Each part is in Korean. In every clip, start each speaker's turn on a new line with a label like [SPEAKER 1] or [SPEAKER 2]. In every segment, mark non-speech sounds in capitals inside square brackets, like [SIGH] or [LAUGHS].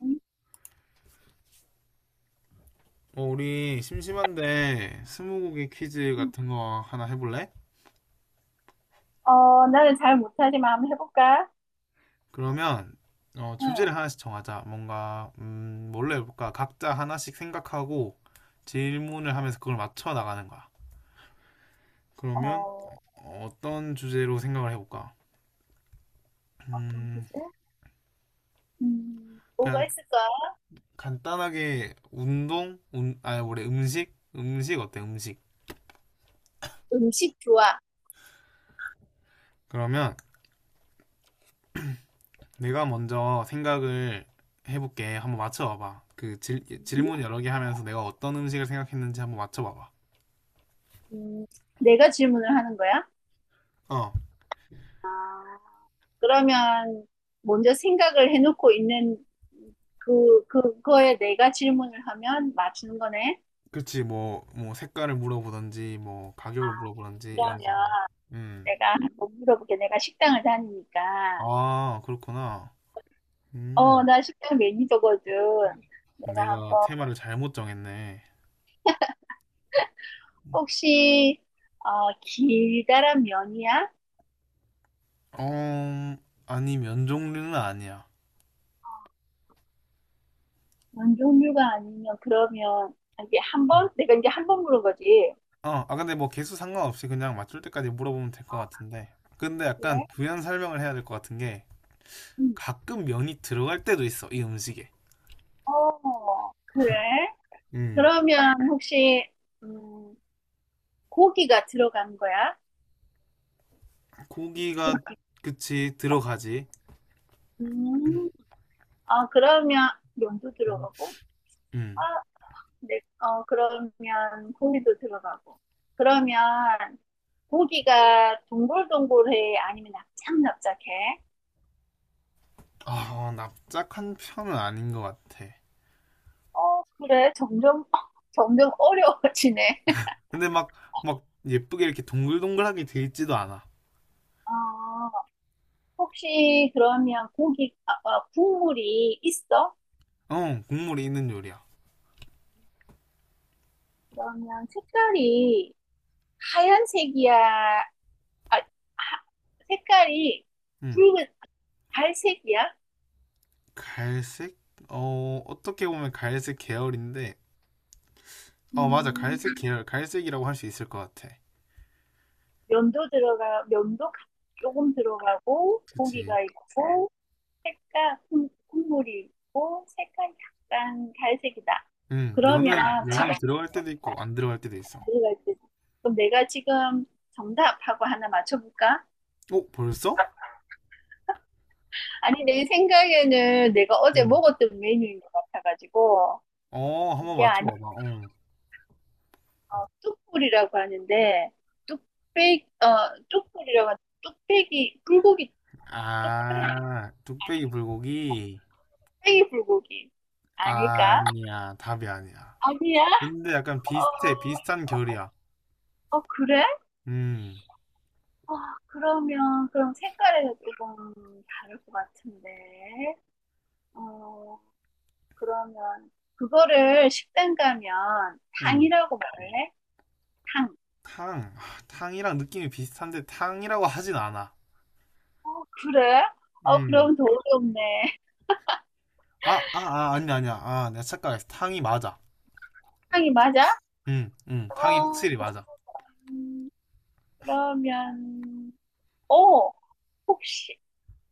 [SPEAKER 1] 음,
[SPEAKER 2] 우리 심심한데 스무고개 퀴즈 같은 거 하나 해볼래?
[SPEAKER 1] 나는 잘 못하지만 한번 해볼까?
[SPEAKER 2] 그러면
[SPEAKER 1] 응,
[SPEAKER 2] 주제를 하나씩 정하자. 뭔가 뭘로 해볼까? 각자 하나씩 생각하고 질문을 하면서 그걸 맞춰 나가는 거야. 그러면
[SPEAKER 1] 어,
[SPEAKER 2] 어떤 주제로 생각을 해볼까?
[SPEAKER 1] 어떤
[SPEAKER 2] 음,
[SPEAKER 1] 주제? 뭐가
[SPEAKER 2] 그냥
[SPEAKER 1] 있을까?
[SPEAKER 2] 간단하게 운동, 운, 아니 뭐래 음식, 음식 어때? 음식.
[SPEAKER 1] 음식 좋아.
[SPEAKER 2] 그러면 내가 먼저 생각을 해볼게. 한번 맞춰봐봐.
[SPEAKER 1] 음,
[SPEAKER 2] 질문 여러 개 하면서 내가 어떤 음식을 생각했는지 한번 맞춰봐봐.
[SPEAKER 1] 음, 내가 질문을 하는 거야?
[SPEAKER 2] 어,
[SPEAKER 1] 아, 그러면 먼저 생각을 해놓고 있는 그거에 내가 질문을 하면 맞추는 거네?
[SPEAKER 2] 그렇지. 뭐 색깔을 물어보던지, 뭐 가격을 물어보던지 이런
[SPEAKER 1] 그러면
[SPEAKER 2] 식으로. 음,
[SPEAKER 1] 내가 한번 물어볼게. 내가 식당을 다니니까.
[SPEAKER 2] 아, 그렇구나.
[SPEAKER 1] 어,
[SPEAKER 2] 음,
[SPEAKER 1] 나 식당 매니저거든. 내가
[SPEAKER 2] 내가
[SPEAKER 1] 한번
[SPEAKER 2] 테마를 잘못 정했네.
[SPEAKER 1] 혹시 어, 길다란 면이야?
[SPEAKER 2] 어, 아니 면 종류는 아니야.
[SPEAKER 1] 면 종류가 아니면 그러면 아, 이게 한
[SPEAKER 2] 음.
[SPEAKER 1] 번? 내가 이제 한번 물은 거지.
[SPEAKER 2] 어, 근데 뭐 개수 상관없이 그냥 맞출 때까지 물어보면 될 것 같은데. 근데
[SPEAKER 1] 그래?
[SPEAKER 2] 약간 부연 설명을 해야 될 것 같은 게.
[SPEAKER 1] 음.
[SPEAKER 2] 가끔 면이 들어갈 때도 있어 이 음식에.
[SPEAKER 1] 어, 그래?
[SPEAKER 2] 음
[SPEAKER 1] 그러면 혹시 음, 고기가 들어간 거야?
[SPEAKER 2] 고기가 그치 들어가지.
[SPEAKER 1] 음. 아, 그러면 면도 들어가고? 아, 네. 어, 그러면 고기도 들어가고. 그러면 고기가 동글동글해? 아니면 납작납작해?
[SPEAKER 2] 음아 납작한 편은 아닌 것 같아.
[SPEAKER 1] 어, 그래. 점점, [LAUGHS] 점점 어려워지네. [LAUGHS]
[SPEAKER 2] 근데 막 예쁘게 이렇게 동글동글하게 돼 있지도 않아.
[SPEAKER 1] 아, 혹시 그러면 국물이 있어?
[SPEAKER 2] 어 국물이 있는 요리야.
[SPEAKER 1] 그러면 색깔이 하얀색이야? 아, 하- 색깔이
[SPEAKER 2] 음
[SPEAKER 1] 붉은 갈색이야?
[SPEAKER 2] 갈색 어 어떻게 보면 갈색 계열인데 어 맞아
[SPEAKER 1] 음,
[SPEAKER 2] 갈색 계열 갈색이라고 할 수 있을 것 같아.
[SPEAKER 1] 면도 들어가, 면도 가- 조금 들어가고,
[SPEAKER 2] 그치.
[SPEAKER 1] 고기가 있고, 색깔, 국물이 있고, 색깔 약간 갈색이다. 그러면
[SPEAKER 2] 면은
[SPEAKER 1] 지금
[SPEAKER 2] 면은 들어갈 때도 있고 안 들어갈 때도 있어.
[SPEAKER 1] 가져갈 때. 그럼 내가 지금 정답하고 하나 맞춰볼까?
[SPEAKER 2] 어 벌써?
[SPEAKER 1] 아니, 내 생각에는 내가 어제
[SPEAKER 2] 음.
[SPEAKER 1] 먹었던 메뉴인 것 같아가지고,
[SPEAKER 2] 어, 한번
[SPEAKER 1] 이게 아니라
[SPEAKER 2] 맞춰봐봐. 어.
[SPEAKER 1] 뚝불이라고 하는데, 뚝배기, 어, 뚝불이라고 하는, 뚝배기, 불고기, 뚝배기
[SPEAKER 2] 아, 뚝배기 불고기?
[SPEAKER 1] 불고기. 아닐까?
[SPEAKER 2] 아니야, 답이 아니야.
[SPEAKER 1] 아니야?
[SPEAKER 2] 근데 약간 비슷해, 비슷한
[SPEAKER 1] 어,
[SPEAKER 2] 결이야.
[SPEAKER 1] 어, 그래?
[SPEAKER 2] 음,
[SPEAKER 1] 어, 그러면, 그럼 색깔이 조금 다를 것 같은데, 어, 그러면 그거를 식당 가면
[SPEAKER 2] 음.
[SPEAKER 1] 탕이라고 말해? 탕.
[SPEAKER 2] 탕. 아, 탕이랑 느낌이 비슷한데 탕이라고 하진 않아.
[SPEAKER 1] 그래? 어,
[SPEAKER 2] 음.
[SPEAKER 1] 그럼 더 어렵네.
[SPEAKER 2] 아니야, 아니야. 아, 내가 착각했어. 탕이 맞아.
[SPEAKER 1] 탕이 맞아?
[SPEAKER 2] 탕이
[SPEAKER 1] 어,
[SPEAKER 2] 확실히 맞아.
[SPEAKER 1] 음, 그러면, 어, 혹시,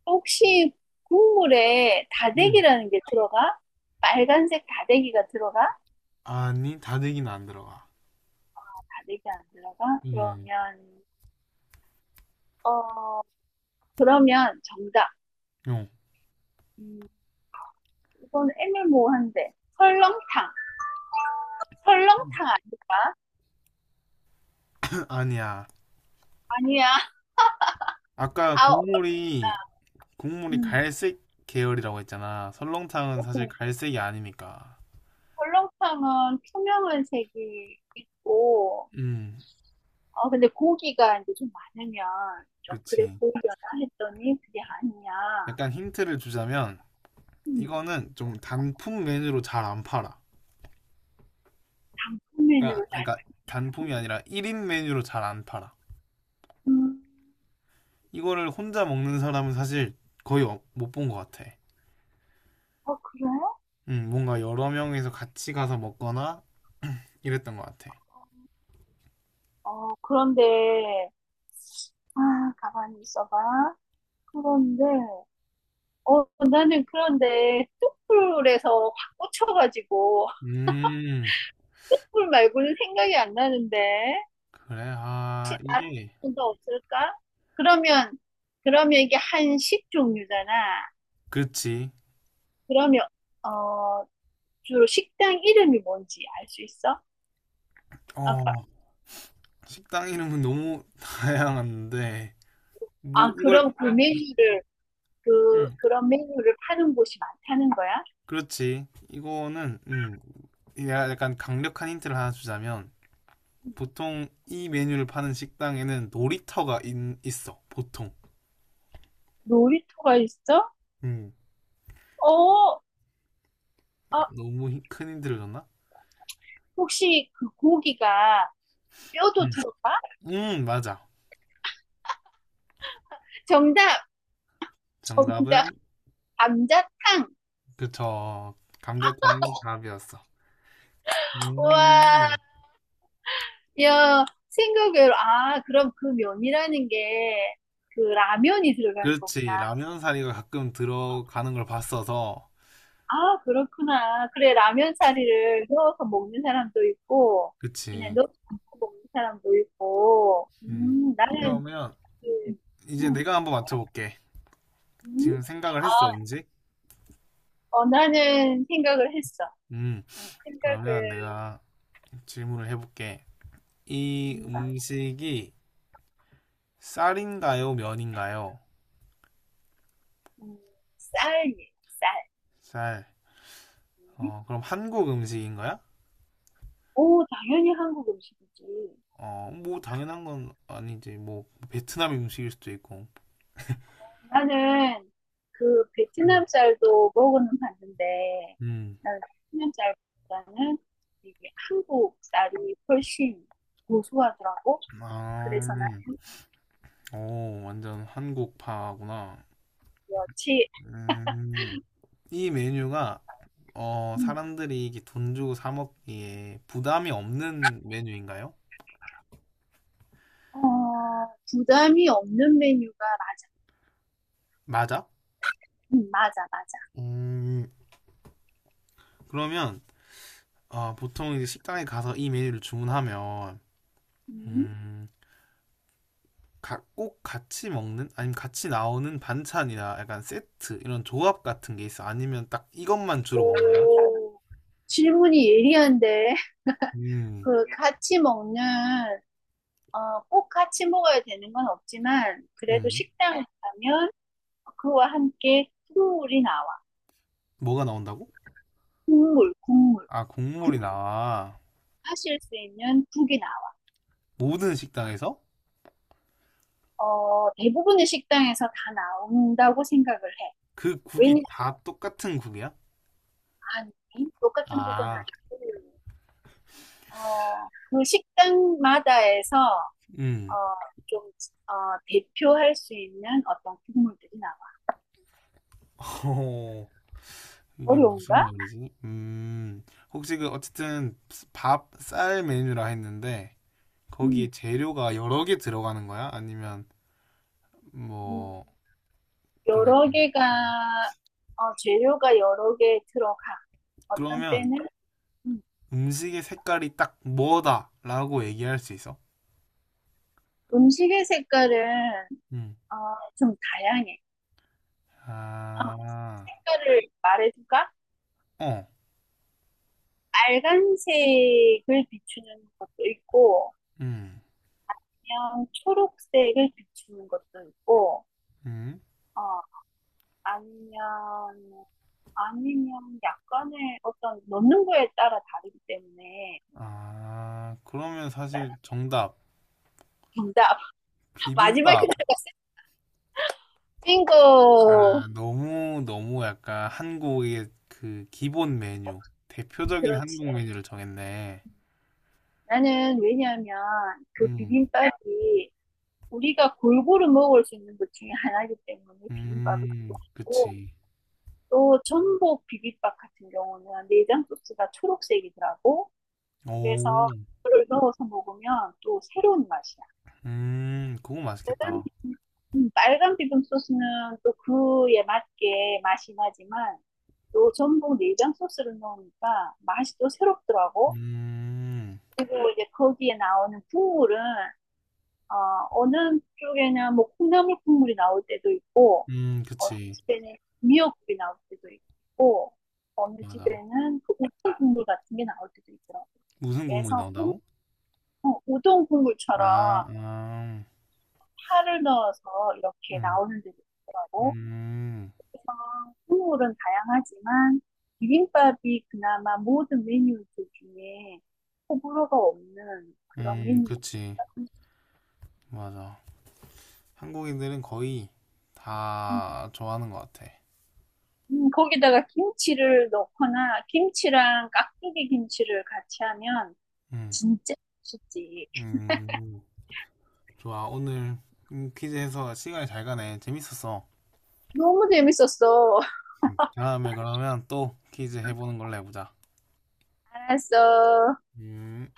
[SPEAKER 1] 혹시 국물에
[SPEAKER 2] 음.
[SPEAKER 1] 다대기라는 게 들어가? 빨간색 다대기가 들어가?
[SPEAKER 2] 아니, 다대기는 안 들어가.
[SPEAKER 1] 다대기 안 들어가?
[SPEAKER 2] 음.
[SPEAKER 1] 그러면, 어, 그러면 정답.
[SPEAKER 2] 어.
[SPEAKER 1] 음, 이건 애매모호한데. 설렁탕. 설렁탕 아닐까?
[SPEAKER 2] [LAUGHS] 아니야.
[SPEAKER 1] 아니야.
[SPEAKER 2] 아까
[SPEAKER 1] 아, 없다.
[SPEAKER 2] 국물이
[SPEAKER 1] 음.
[SPEAKER 2] 갈색 계열이라고 했잖아. 설렁탕은 사실
[SPEAKER 1] 음,
[SPEAKER 2] 갈색이 아니니까.
[SPEAKER 1] 설렁탕은 투명한 색이 있고,
[SPEAKER 2] 음,
[SPEAKER 1] 어, 근데 고기가 이제 좀 많으면 좀 그래
[SPEAKER 2] 그치.
[SPEAKER 1] 보이려나 했더니 그게 아니야.
[SPEAKER 2] 약간 힌트를 주자면
[SPEAKER 1] 음,
[SPEAKER 2] 이거는 좀 단품 메뉴로 잘 안 팔아.
[SPEAKER 1] 단품
[SPEAKER 2] 그러니까,
[SPEAKER 1] 메뉴로 잘.
[SPEAKER 2] 그러니까 단품이 아니라 1인 메뉴로 잘 안 팔아.
[SPEAKER 1] 음,
[SPEAKER 2] 이거를 혼자 먹는 사람은 사실 거의 못 본 것 같아.
[SPEAKER 1] 어, 그래?
[SPEAKER 2] 뭔가 여러 명이서 같이 가서 먹거나 이랬던 것 같아.
[SPEAKER 1] 어, 그런데, 아, 가만히 있어봐. 그런데, 어, 나는 그런데 뚝불에서 확 꽂혀가지고,
[SPEAKER 2] 음,
[SPEAKER 1] [LAUGHS] 뚝불 말고는 생각이 안 나는데.
[SPEAKER 2] 그래.
[SPEAKER 1] 혹시
[SPEAKER 2] 아,
[SPEAKER 1] 다른
[SPEAKER 2] 이게
[SPEAKER 1] 분도 없을까? 그러면 그러면 이게 한식 종류잖아.
[SPEAKER 2] 그렇지.
[SPEAKER 1] 그러면 어 주로 식당 이름이 뭔지 알 수 있어? 아까
[SPEAKER 2] 어, 식당 이름은 너무 [LAUGHS] 다양한데 뭐
[SPEAKER 1] 아
[SPEAKER 2] 이걸
[SPEAKER 1] 그럼 그 메뉴를 그
[SPEAKER 2] 음,
[SPEAKER 1] 그런 메뉴를 파는 곳이 많다는 거야?
[SPEAKER 2] 그렇지. 이거는 내가 약간 강력한 힌트를 하나 주자면 보통 이 메뉴를 파는 식당에는 있어. 보통.
[SPEAKER 1] 놀이터가 있어?
[SPEAKER 2] 음.
[SPEAKER 1] 어,
[SPEAKER 2] 아,
[SPEAKER 1] 아,
[SPEAKER 2] 너무 큰 힌트를 줬나?
[SPEAKER 1] 혹시 그 고기가 뼈도
[SPEAKER 2] 음.
[SPEAKER 1] 들어가?
[SPEAKER 2] 맞아.
[SPEAKER 1] 정답, 정답,
[SPEAKER 2] 정답은
[SPEAKER 1] 감자탕.
[SPEAKER 2] 그쵸. 감자탕이 답이었어.
[SPEAKER 1] 와.
[SPEAKER 2] 음.
[SPEAKER 1] 야, 생각외로, 아, 그럼 그 면이라는 게 그 라면이 들어가는
[SPEAKER 2] 그렇지.
[SPEAKER 1] 거구나.
[SPEAKER 2] 라면 사리가 가끔 들어가는 걸 봤어서.
[SPEAKER 1] 아, 그렇구나. 그래, 라면 사리를 넣어서 먹는 사람도 있고, 그냥
[SPEAKER 2] 그치.
[SPEAKER 1] 넣어서 안 먹는 사람도 있고,
[SPEAKER 2] 음.
[SPEAKER 1] 네. 나는
[SPEAKER 2] 그러면
[SPEAKER 1] 그,
[SPEAKER 2] 이제
[SPEAKER 1] 음,
[SPEAKER 2] 내가 한번 맞춰볼게.
[SPEAKER 1] 음.
[SPEAKER 2] 지금 생각을
[SPEAKER 1] 아,
[SPEAKER 2] 했어, 왠지?
[SPEAKER 1] 어, 나는 생각을 했어.
[SPEAKER 2] 음.
[SPEAKER 1] 생각을,
[SPEAKER 2] 그러면 내가 질문을 해볼게. 이
[SPEAKER 1] 음,
[SPEAKER 2] 음식이 쌀인가요, 면인가요?
[SPEAKER 1] 음, 쌀이, 쌀.
[SPEAKER 2] 쌀.
[SPEAKER 1] 음?
[SPEAKER 2] 어, 그럼 한국 음식인 거야?
[SPEAKER 1] 오, 당연히 한국 음식이지.
[SPEAKER 2] 어, 뭐 당연한 건 아니지. 뭐 베트남 음식일 수도 있고.
[SPEAKER 1] 나는 그
[SPEAKER 2] 음.
[SPEAKER 1] 베트남 쌀도 먹어는 봤는데
[SPEAKER 2] 음.
[SPEAKER 1] 나는 베트남 쌀보다는 이게 한국 쌀이 훨씬 고소하더라고.
[SPEAKER 2] 아,
[SPEAKER 1] 그래서 나는
[SPEAKER 2] 오, 완전 한국파구나.
[SPEAKER 1] 여치
[SPEAKER 2] 음. 이 메뉴가 어,
[SPEAKER 1] 음,
[SPEAKER 2] 사람들이 이게 돈 주고 사 먹기에 부담이 없는 메뉴인가요?
[SPEAKER 1] 어, 부담이 없는 메뉴가 맞-
[SPEAKER 2] 맞아?
[SPEAKER 1] 맞아.
[SPEAKER 2] 음. 그러면 어, 보통 이제 식당에 가서 이 메뉴를 주문하면
[SPEAKER 1] 음.
[SPEAKER 2] 음, 꼭 같이 먹는 아니면 같이 나오는 반찬이나 약간 세트 이런 조합 같은 게 있어? 아니면 딱 이것만 주로 먹는다?
[SPEAKER 1] 오 질문이 예리한데 [LAUGHS]
[SPEAKER 2] 음,
[SPEAKER 1] 그 같이 먹는 어, 꼭 같이 먹어야 되는 건 없지만 그래도
[SPEAKER 2] 음.
[SPEAKER 1] 식당에 가면 그와 함께 국물이 나와.
[SPEAKER 2] 뭐가 나온다고?
[SPEAKER 1] 국물, 국물
[SPEAKER 2] 아, 국물이 나와.
[SPEAKER 1] 하실 수 있는 국이 나와.
[SPEAKER 2] 모든 식당에서?
[SPEAKER 1] 어, 대부분의 식당에서 다 나온다고 생각을 해.
[SPEAKER 2] 그 국이
[SPEAKER 1] 왜냐하면
[SPEAKER 2] 다 똑같은 국이야?
[SPEAKER 1] 똑같은 국은
[SPEAKER 2] 아,
[SPEAKER 1] 아니고 어, 그 식당마다에서 어,
[SPEAKER 2] 음.
[SPEAKER 1] 좀 어, 대표할 수 있는 어떤 국물들이 나와.
[SPEAKER 2] [LAUGHS] 어, 이게 무슨
[SPEAKER 1] 어려운가?
[SPEAKER 2] 말이지? 음. 혹시 그 어쨌든 밥, 쌀 메뉴라 했는데 거기에
[SPEAKER 1] 음,
[SPEAKER 2] 재료가 여러 개 들어가는 거야? 아니면
[SPEAKER 1] 음,
[SPEAKER 2] 뭐 좀
[SPEAKER 1] 여러
[SPEAKER 2] 약간
[SPEAKER 1] 개가 어, 재료가 여러 개 들어가. 어떤
[SPEAKER 2] 그러면
[SPEAKER 1] 때는 음,
[SPEAKER 2] 음식의 색깔이 딱 뭐다라고 얘기할 수 있어?
[SPEAKER 1] 음식의 색깔은
[SPEAKER 2] 음.
[SPEAKER 1] 어, 좀 다양해. 어,
[SPEAKER 2] 아,
[SPEAKER 1] 색깔을 말해줄까?
[SPEAKER 2] 어,
[SPEAKER 1] 빨간색을 비추는 것도 있고,
[SPEAKER 2] 음,
[SPEAKER 1] 그냥 초록색을 비추는 것도 있고,
[SPEAKER 2] 음.
[SPEAKER 1] 어, 아니면, 아니면 약간의 어떤 넣는 거에 따라 다르기 때문에,
[SPEAKER 2] 아, 그러면 사실 정답
[SPEAKER 1] 정답. [LAUGHS] 마지막에
[SPEAKER 2] 비빔밥.
[SPEAKER 1] 내가 쓰인 거.
[SPEAKER 2] 아, 너무 너무 약간 한국의 그 기본 메뉴, 대표적인
[SPEAKER 1] 그렇지.
[SPEAKER 2] 한국 메뉴를 정했네.
[SPEAKER 1] 나는 왜냐하면 그
[SPEAKER 2] 음,
[SPEAKER 1] 비빔밥이 우리가 골고루 먹을 수 있는 것 중에 하나이기 때문에 비빔밥을 좋아하고,
[SPEAKER 2] 그치.
[SPEAKER 1] 또 전복 비빔밥 같은 경우는 내장 소스가 초록색이더라고. 그래서
[SPEAKER 2] 오,
[SPEAKER 1] 그걸 넣어서 먹으면 또 새로운 맛이야.
[SPEAKER 2] 그거
[SPEAKER 1] 빨간
[SPEAKER 2] 맛있겠다.
[SPEAKER 1] 비빔- 빨간 비빔 소스는 또 그에 맞게 맛이 나지만 또 전복 내장 소스를 넣으니까 맛이 또 새롭더라고.
[SPEAKER 2] 음,
[SPEAKER 1] 그리고 이제 거기에 나오는 국물은 어, 어느 쪽에는 뭐 콩나물 국물이 나올 때도 있고, 어느
[SPEAKER 2] 그치.
[SPEAKER 1] 집에는 미역국이 나올 때도 있고, 어느
[SPEAKER 2] 맞아.
[SPEAKER 1] 집에는 그 우동 국물 같은 게 나올 때도 있더라고요.
[SPEAKER 2] 무슨 국물이
[SPEAKER 1] 그래서 국-
[SPEAKER 2] 나온다고?
[SPEAKER 1] 어, 우동
[SPEAKER 2] 아,
[SPEAKER 1] 국물처럼
[SPEAKER 2] 아,
[SPEAKER 1] 파를 넣어서 이렇게
[SPEAKER 2] 음,
[SPEAKER 1] 나오는 데도 있더라고.
[SPEAKER 2] 음,
[SPEAKER 1] 국물은 다양하지만 비빔밥이 그나마 모든 메뉴들 중에 호불호가 없는 그런 메뉴가
[SPEAKER 2] 그치.
[SPEAKER 1] 있습니다.
[SPEAKER 2] 맞아. 한국인들은 거의 다 좋아하는 것 같아.
[SPEAKER 1] 거기다가 김치를 넣거나 김치랑 깍두기 김치를 같이 하면
[SPEAKER 2] 음,
[SPEAKER 1] 진짜 맛있지.
[SPEAKER 2] 음, 좋아. 오늘 퀴즈 해서 시간이 잘 가네. 재밌었어.
[SPEAKER 1] 너무 재밌었어. [LAUGHS]
[SPEAKER 2] 다음에 그러면 또 퀴즈 해보는 걸로 해보자.
[SPEAKER 1] 알았어.
[SPEAKER 2] 음.